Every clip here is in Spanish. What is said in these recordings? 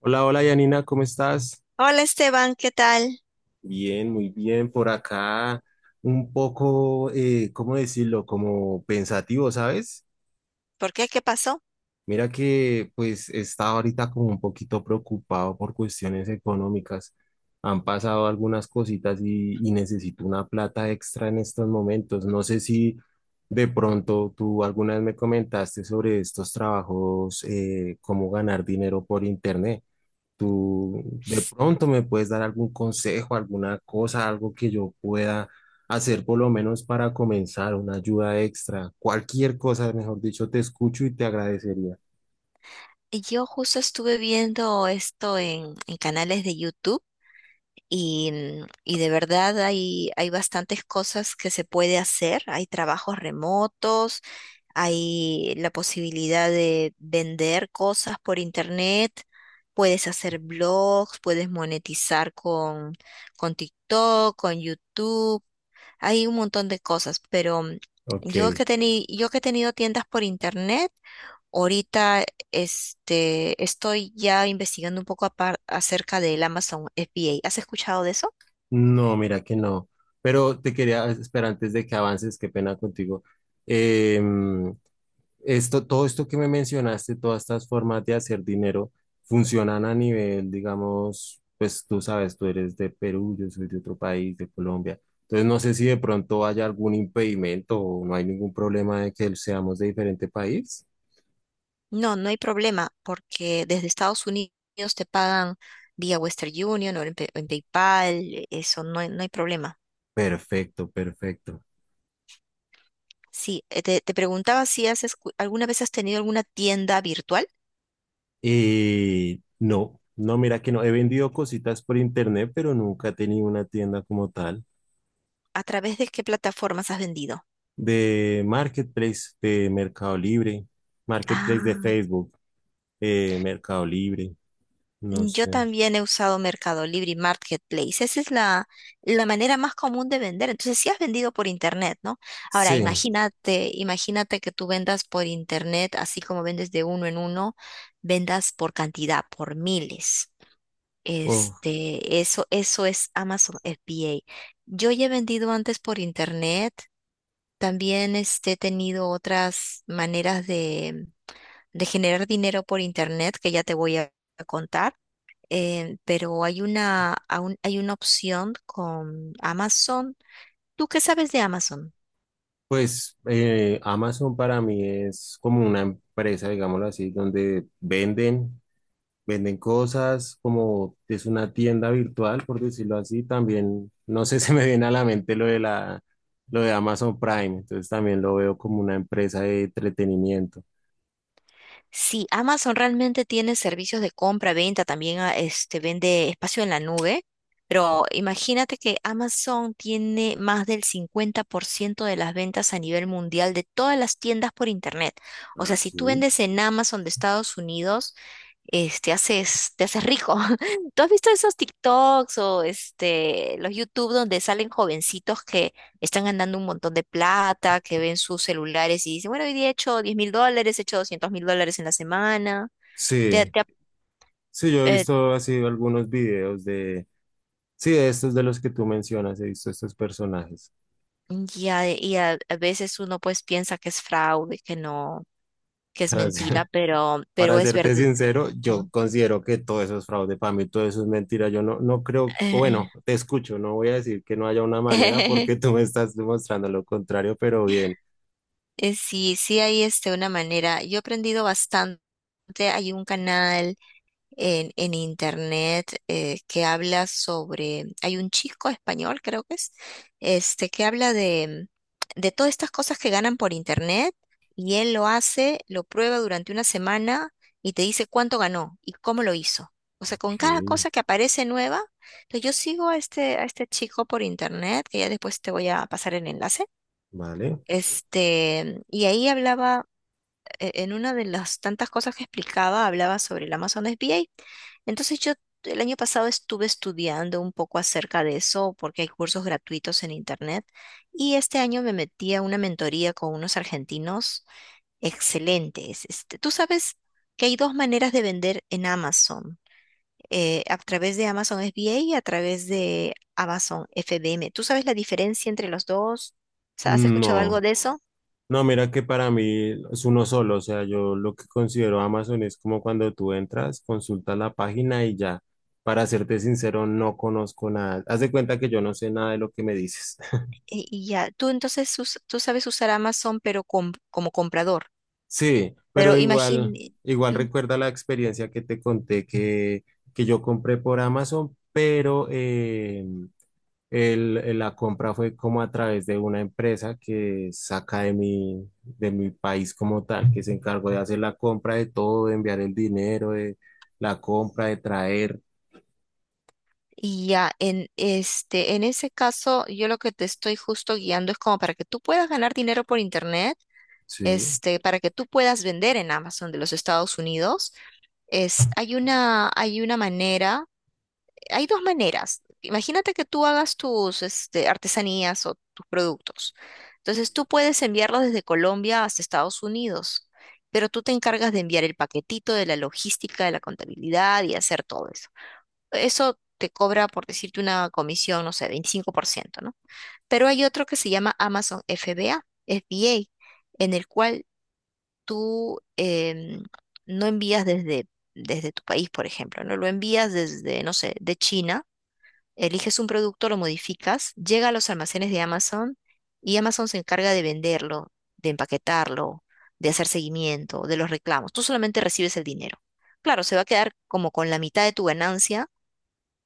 Hola, hola Yanina, ¿cómo estás? Hola Esteban, ¿qué tal? Bien, muy bien. Por acá un poco, ¿cómo decirlo? Como pensativo, ¿sabes? ¿Por qué? ¿Qué pasó? Mira que pues estaba ahorita como un poquito preocupado por cuestiones económicas. Han pasado algunas cositas y necesito una plata extra en estos momentos. No sé si de pronto tú alguna vez me comentaste sobre estos trabajos, cómo ganar dinero por internet. Tú de S- pronto me puedes dar algún consejo, alguna cosa, algo que yo pueda hacer por lo menos para comenzar, una ayuda extra, cualquier cosa, mejor dicho, te escucho y te agradecería. Yo justo estuve viendo esto en canales de YouTube y de verdad hay bastantes cosas que se puede hacer. Hay trabajos remotos, hay la posibilidad de vender cosas por internet, puedes hacer blogs, puedes monetizar con TikTok, con YouTube. Hay un montón de cosas, pero Ok, yo que he tenido tiendas por internet, ahorita este, estoy ya investigando un poco acerca del Amazon FBA. ¿Has escuchado de eso? no, mira que no, pero te quería, espera, antes de que avances, qué pena contigo. Em, Esto, todo esto que me mencionaste, todas estas formas de hacer dinero, funcionan a nivel, digamos, pues tú sabes, tú eres de Perú, yo soy de otro país, de Colombia. Entonces no sé si de pronto haya algún impedimento o no hay ningún problema de que seamos de diferente país. No, no hay problema, porque desde Estados Unidos te pagan vía Western Union o en PayPal, eso no hay problema. Perfecto, perfecto. Sí, te preguntaba si has alguna vez has tenido alguna tienda virtual. Y no, no, mira que no, he vendido cositas por internet, pero nunca he tenido una tienda como tal ¿A través de qué plataformas has vendido? de Marketplace, de Mercado Libre, Marketplace de Ah. Facebook. Mercado Libre, no Yo sé. también he usado Mercado Libre y Marketplace. Esa es la manera más común de vender. Entonces, si has vendido por internet, ¿no? Ahora, Sí, imagínate, imagínate que tú vendas por internet, así como vendes de uno en uno, vendas por cantidad, por miles. o, Este, eso es Amazon FBA. Yo ya he vendido antes por internet. También este, he tenido otras maneras de generar dinero por internet que ya te voy a contar, pero hay aún hay una opción con Amazon. ¿Tú qué sabes de Amazon? pues Amazon para mí es como una empresa, digámoslo así, donde venden, venden cosas, como es una tienda virtual, por decirlo así. También, no sé, se me viene a la mente lo de la, lo de Amazon Prime, entonces también lo veo como una empresa de entretenimiento. Sí, Amazon realmente tiene servicios de compra, venta, también este, vende espacio en la nube, Oh, pero imagínate que Amazon tiene más del 50% de las ventas a nivel mundial de todas las tiendas por internet. O sea, ah, si tú sí. vendes en Amazon de Estados Unidos, este, te haces rico. ¿Tú has visto esos TikToks o este, los YouTube donde salen jovencitos que están ganando un montón de plata, que ven sus celulares y dicen, bueno, hoy día he hecho $10,000, he hecho $200,000 en la semana? Te- Sí, te- sí, yo he eh, visto así algunos videos de, sí, de estos de los que tú mencionas, he visto estos personajes. A veces uno pues piensa que es fraude, que no, que es Para ser- mentira, pero para es serte verdad. sincero, ¿No? yo considero que todo eso es fraude para mí, todo eso es mentira. Yo no, no creo, o bueno, te escucho, no voy a decir que no haya una manera porque tú me estás demostrando lo contrario, pero bien. Sí, sí hay este, una manera. Yo he aprendido bastante. Hay un canal en internet que habla hay un chico español, creo que es, este, que habla de todas estas cosas que ganan por internet, y él lo hace, lo prueba durante una semana y te dice cuánto ganó y cómo lo hizo. O sea, Ok, con cada cosa que aparece nueva, entonces yo sigo a este chico por internet, que ya después te voy a pasar el enlace. vale. Este, y ahí hablaba en una de las tantas cosas que explicaba, hablaba sobre el Amazon SBA. Entonces yo el año pasado estuve estudiando un poco acerca de eso porque hay cursos gratuitos en internet y este año me metí a una mentoría con unos argentinos excelentes. Este, tú sabes que hay dos maneras de vender en Amazon, a través de Amazon SBA y a través de Amazon FBM. ¿Tú sabes la diferencia entre los dos? O sea, ¿has escuchado algo No, de eso? no, mira que para mí es uno solo, o sea, yo lo que considero Amazon es como cuando tú entras, consultas la página y ya. Para serte sincero, no conozco nada. Haz de cuenta que yo no sé nada de lo que me dices. Y ya, tú entonces tú sabes usar Amazon, pero como comprador. Sí, pero Pero igual, imagine, igual ujú, recuerda la experiencia que te conté que yo compré por Amazon, pero la compra fue como a través de una empresa que saca de mi país como tal, que se encargó de hacer la compra de todo, de enviar el dinero, de la compra, de traer. y ya, en ese caso, yo lo que te estoy justo guiando es como para que tú puedas ganar dinero por internet, Sí, este, para que tú puedas vender en Amazon de los Estados Unidos. Hay una manera. Hay dos maneras. Imagínate que tú hagas tus este, artesanías o tus productos. Entonces tú puedes enviarlos desde Colombia hasta Estados Unidos, pero tú te encargas de enviar el paquetito, de la logística, de la contabilidad y hacer todo eso. Eso te cobra, por decirte, una comisión, no sé, 25%, ¿no? Pero hay otro que se llama Amazon FBA, FBA, en el cual tú no envías desde tu país, por ejemplo, ¿no? Lo envías desde, no sé, de China. Eliges un producto, lo modificas, llega a los almacenes de Amazon y Amazon se encarga de venderlo, de empaquetarlo, de hacer seguimiento, de los reclamos. Tú solamente recibes el dinero. Claro, se va a quedar como con la mitad de tu ganancia,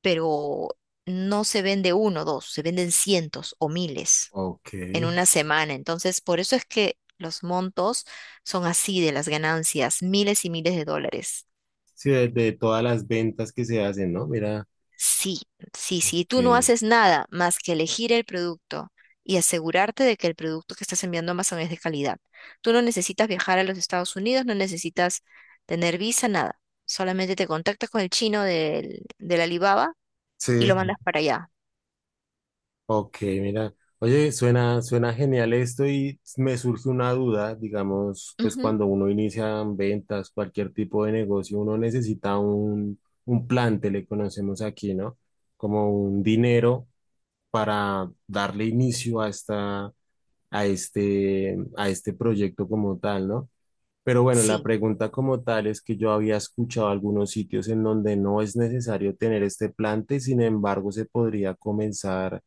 pero no se vende uno o dos, se venden cientos o miles ok. en una semana. Entonces, por eso es que los montos son así de las ganancias, miles y miles de dólares. Sí, de todas las ventas que se hacen, ¿no? Mira, Sí, sí, sí, ok. tú no haces nada más que elegir el producto y asegurarte de que el producto que estás enviando a Amazon es de calidad. Tú no necesitas viajar a los Estados Unidos, no necesitas tener visa, nada. Solamente te contactas con el chino del Alibaba Sí. y lo mandas para allá. Ok, mira, oye, suena, suena genial esto y me surge una duda, digamos, pues Ujú, cuando uno inicia ventas, cualquier tipo de negocio, uno necesita un plante, le conocemos aquí, ¿no? Como un dinero para darle inicio a esta, a este proyecto como tal, ¿no? Pero bueno, la sí. pregunta como tal es que yo había escuchado algunos sitios en donde no es necesario tener este plante, sin embargo, se podría comenzar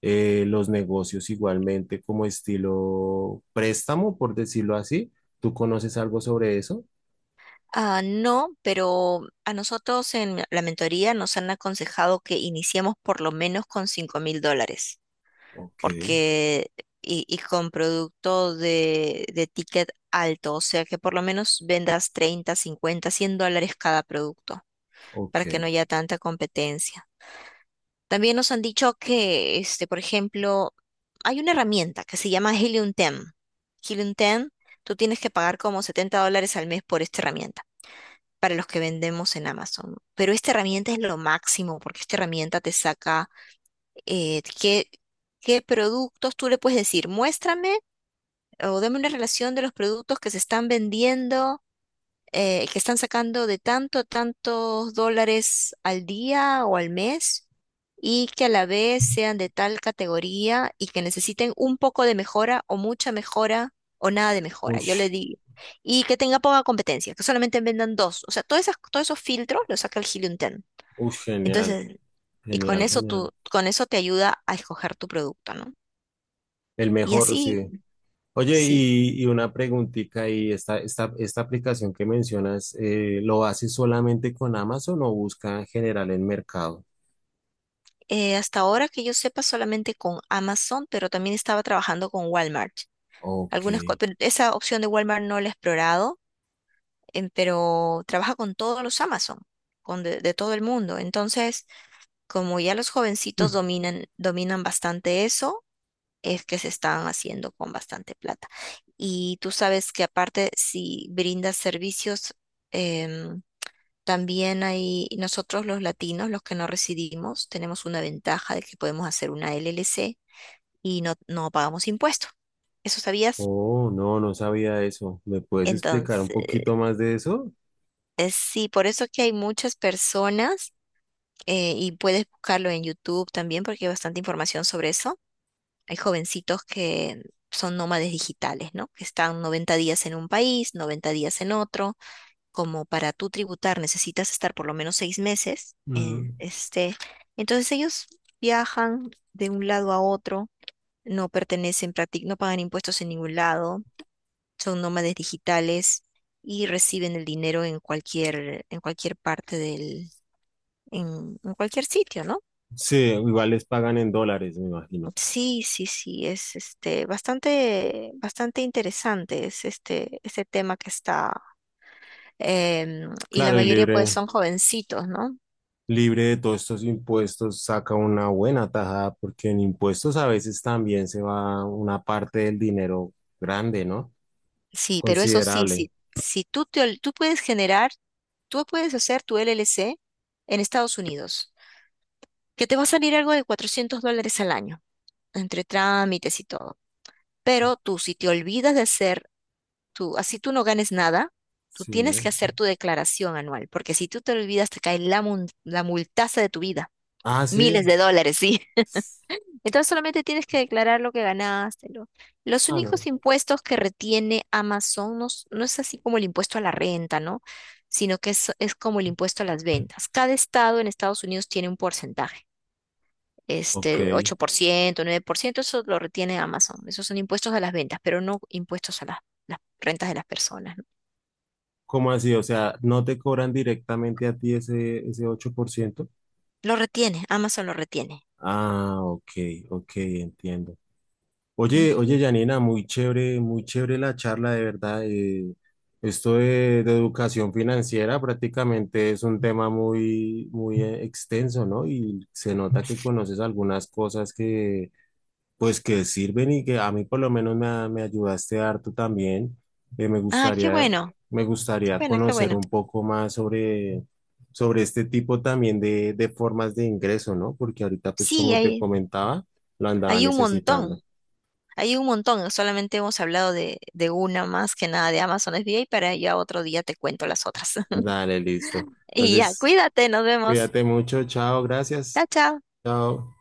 los negocios igualmente como estilo préstamo, por decirlo así. ¿Tú conoces algo sobre eso? Ah, no, pero a nosotros en la mentoría nos han aconsejado que iniciemos por lo menos con $5,000, Ok, porque y con producto de ticket alto, o sea que por lo menos vendas 30, 50, $100 cada producto para que no ok. haya tanta competencia. También nos han dicho que, este, por ejemplo, hay una herramienta que se llama Helium 10. Helium 10, tú tienes que pagar como $70 al mes por esta herramienta, para los que vendemos en Amazon. Pero esta herramienta es lo máximo, porque esta herramienta te saca, eh, qué, qué productos tú le puedes decir, muéstrame o dame una relación de los productos que se están vendiendo, que están sacando de tanto a tantos dólares al día o al mes y que a la vez sean de tal categoría y que necesiten un poco de mejora o mucha mejora o nada de mejora, yo le Ush, digo. Y que tenga poca competencia, que solamente vendan dos. O sea, todos esos filtros los saca el Helium 10. ush, genial, Entonces, y con genial, eso genial. tú, con eso te ayuda a escoger tu producto, ¿no? El Y mejor, así, sí. Oye, sí, y una preguntita, y esta aplicación que mencionas, ¿lo haces solamente con Amazon o busca en general en mercado? Hasta ahora que yo sepa solamente con Amazon, pero también estaba trabajando con Walmart. Ok. Pero esa opción de Walmart no la he explorado, pero trabaja con todos los Amazon, con de todo el mundo. Entonces, como ya los Hmm. jovencitos dominan, dominan bastante eso, es que se están haciendo con bastante plata. Y tú sabes que aparte, si brindas servicios, em, también hay, nosotros los latinos, los que no residimos, tenemos una ventaja de que podemos hacer una LLC y no pagamos impuestos. ¿Eso sabías? Oh, no, no sabía eso. ¿Me puedes explicar Entonces, un poquito más de eso? sí, por eso que hay muchas personas, y puedes buscarlo en YouTube también porque hay bastante información sobre eso. Hay jovencitos que son nómades digitales, ¿no? Que están 90 días en un país, 90 días en otro. Como para tú tributar necesitas estar por lo menos 6 meses en Mm. este. Entonces ellos viajan de un lado a otro, no pertenecen prácticamente, no pagan impuestos en ningún lado, son nómades digitales y reciben el dinero en cualquier, en cualquier sitio, ¿no? Sí, igual les pagan en dólares, me imagino. Sí, sí, sí, es este bastante, bastante interesante es este tema que está, y la Claro, y mayoría pues libre, son jovencitos, ¿no? libre de todos estos impuestos, saca una buena tajada, porque en impuestos a veces también se va una parte del dinero grande, ¿no? Sí, pero eso sí, Considerable. sí, si tú te ol- tú puedes hacer tu LLC en Estados Unidos, que te va a salir algo de $400 al año, entre trámites y todo. Pero tú, si te olvidas de hacer, tú, así tú no ganes nada, tú tienes que Sí. hacer tu declaración anual, porque si tú te olvidas, te cae la multaza de tu vida, Ah, miles sí. de dólares, ¿sí? Entonces solamente tienes que declarar lo que ganaste. Los Ah, no. únicos impuestos que retiene Amazon, no es así como el impuesto a la renta, ¿no? Sino que es, como el impuesto a las ventas. Cada estado en Estados Unidos tiene un porcentaje, Ok. este, 8%, 9%, eso lo retiene Amazon. Esos son impuestos a las ventas, pero no impuestos a las rentas de las personas, ¿no? ¿Cómo así? O sea, ¿no te cobran directamente a ti ese, ese 8%? Lo retiene, Amazon lo retiene. Ah, ok, ok, entiendo. Mm. Oye, oye, Janina, muy chévere la charla, de verdad. Esto de educación financiera prácticamente es un tema muy, muy extenso, ¿no? Y se nota que conoces algunas cosas que, pues, que sirven y que a mí por lo menos me, me ayudaste harto también. Me Ah, qué gustaría, bueno, me qué gustaría bueno, qué conocer bueno. un poco más sobre, sobre este tipo también de formas de ingreso, ¿no? Porque ahorita, pues, Sí, como te hay, comentaba, lo andaba hay un necesitando. montón, hay un montón. Solamente hemos hablado de una, más que nada de Amazon FBA, para ya otro día te cuento las otras. Dale, listo. Y ya, Entonces, cuídate, nos vemos. cuídate mucho. Chao, gracias. Chao, chao. Chao.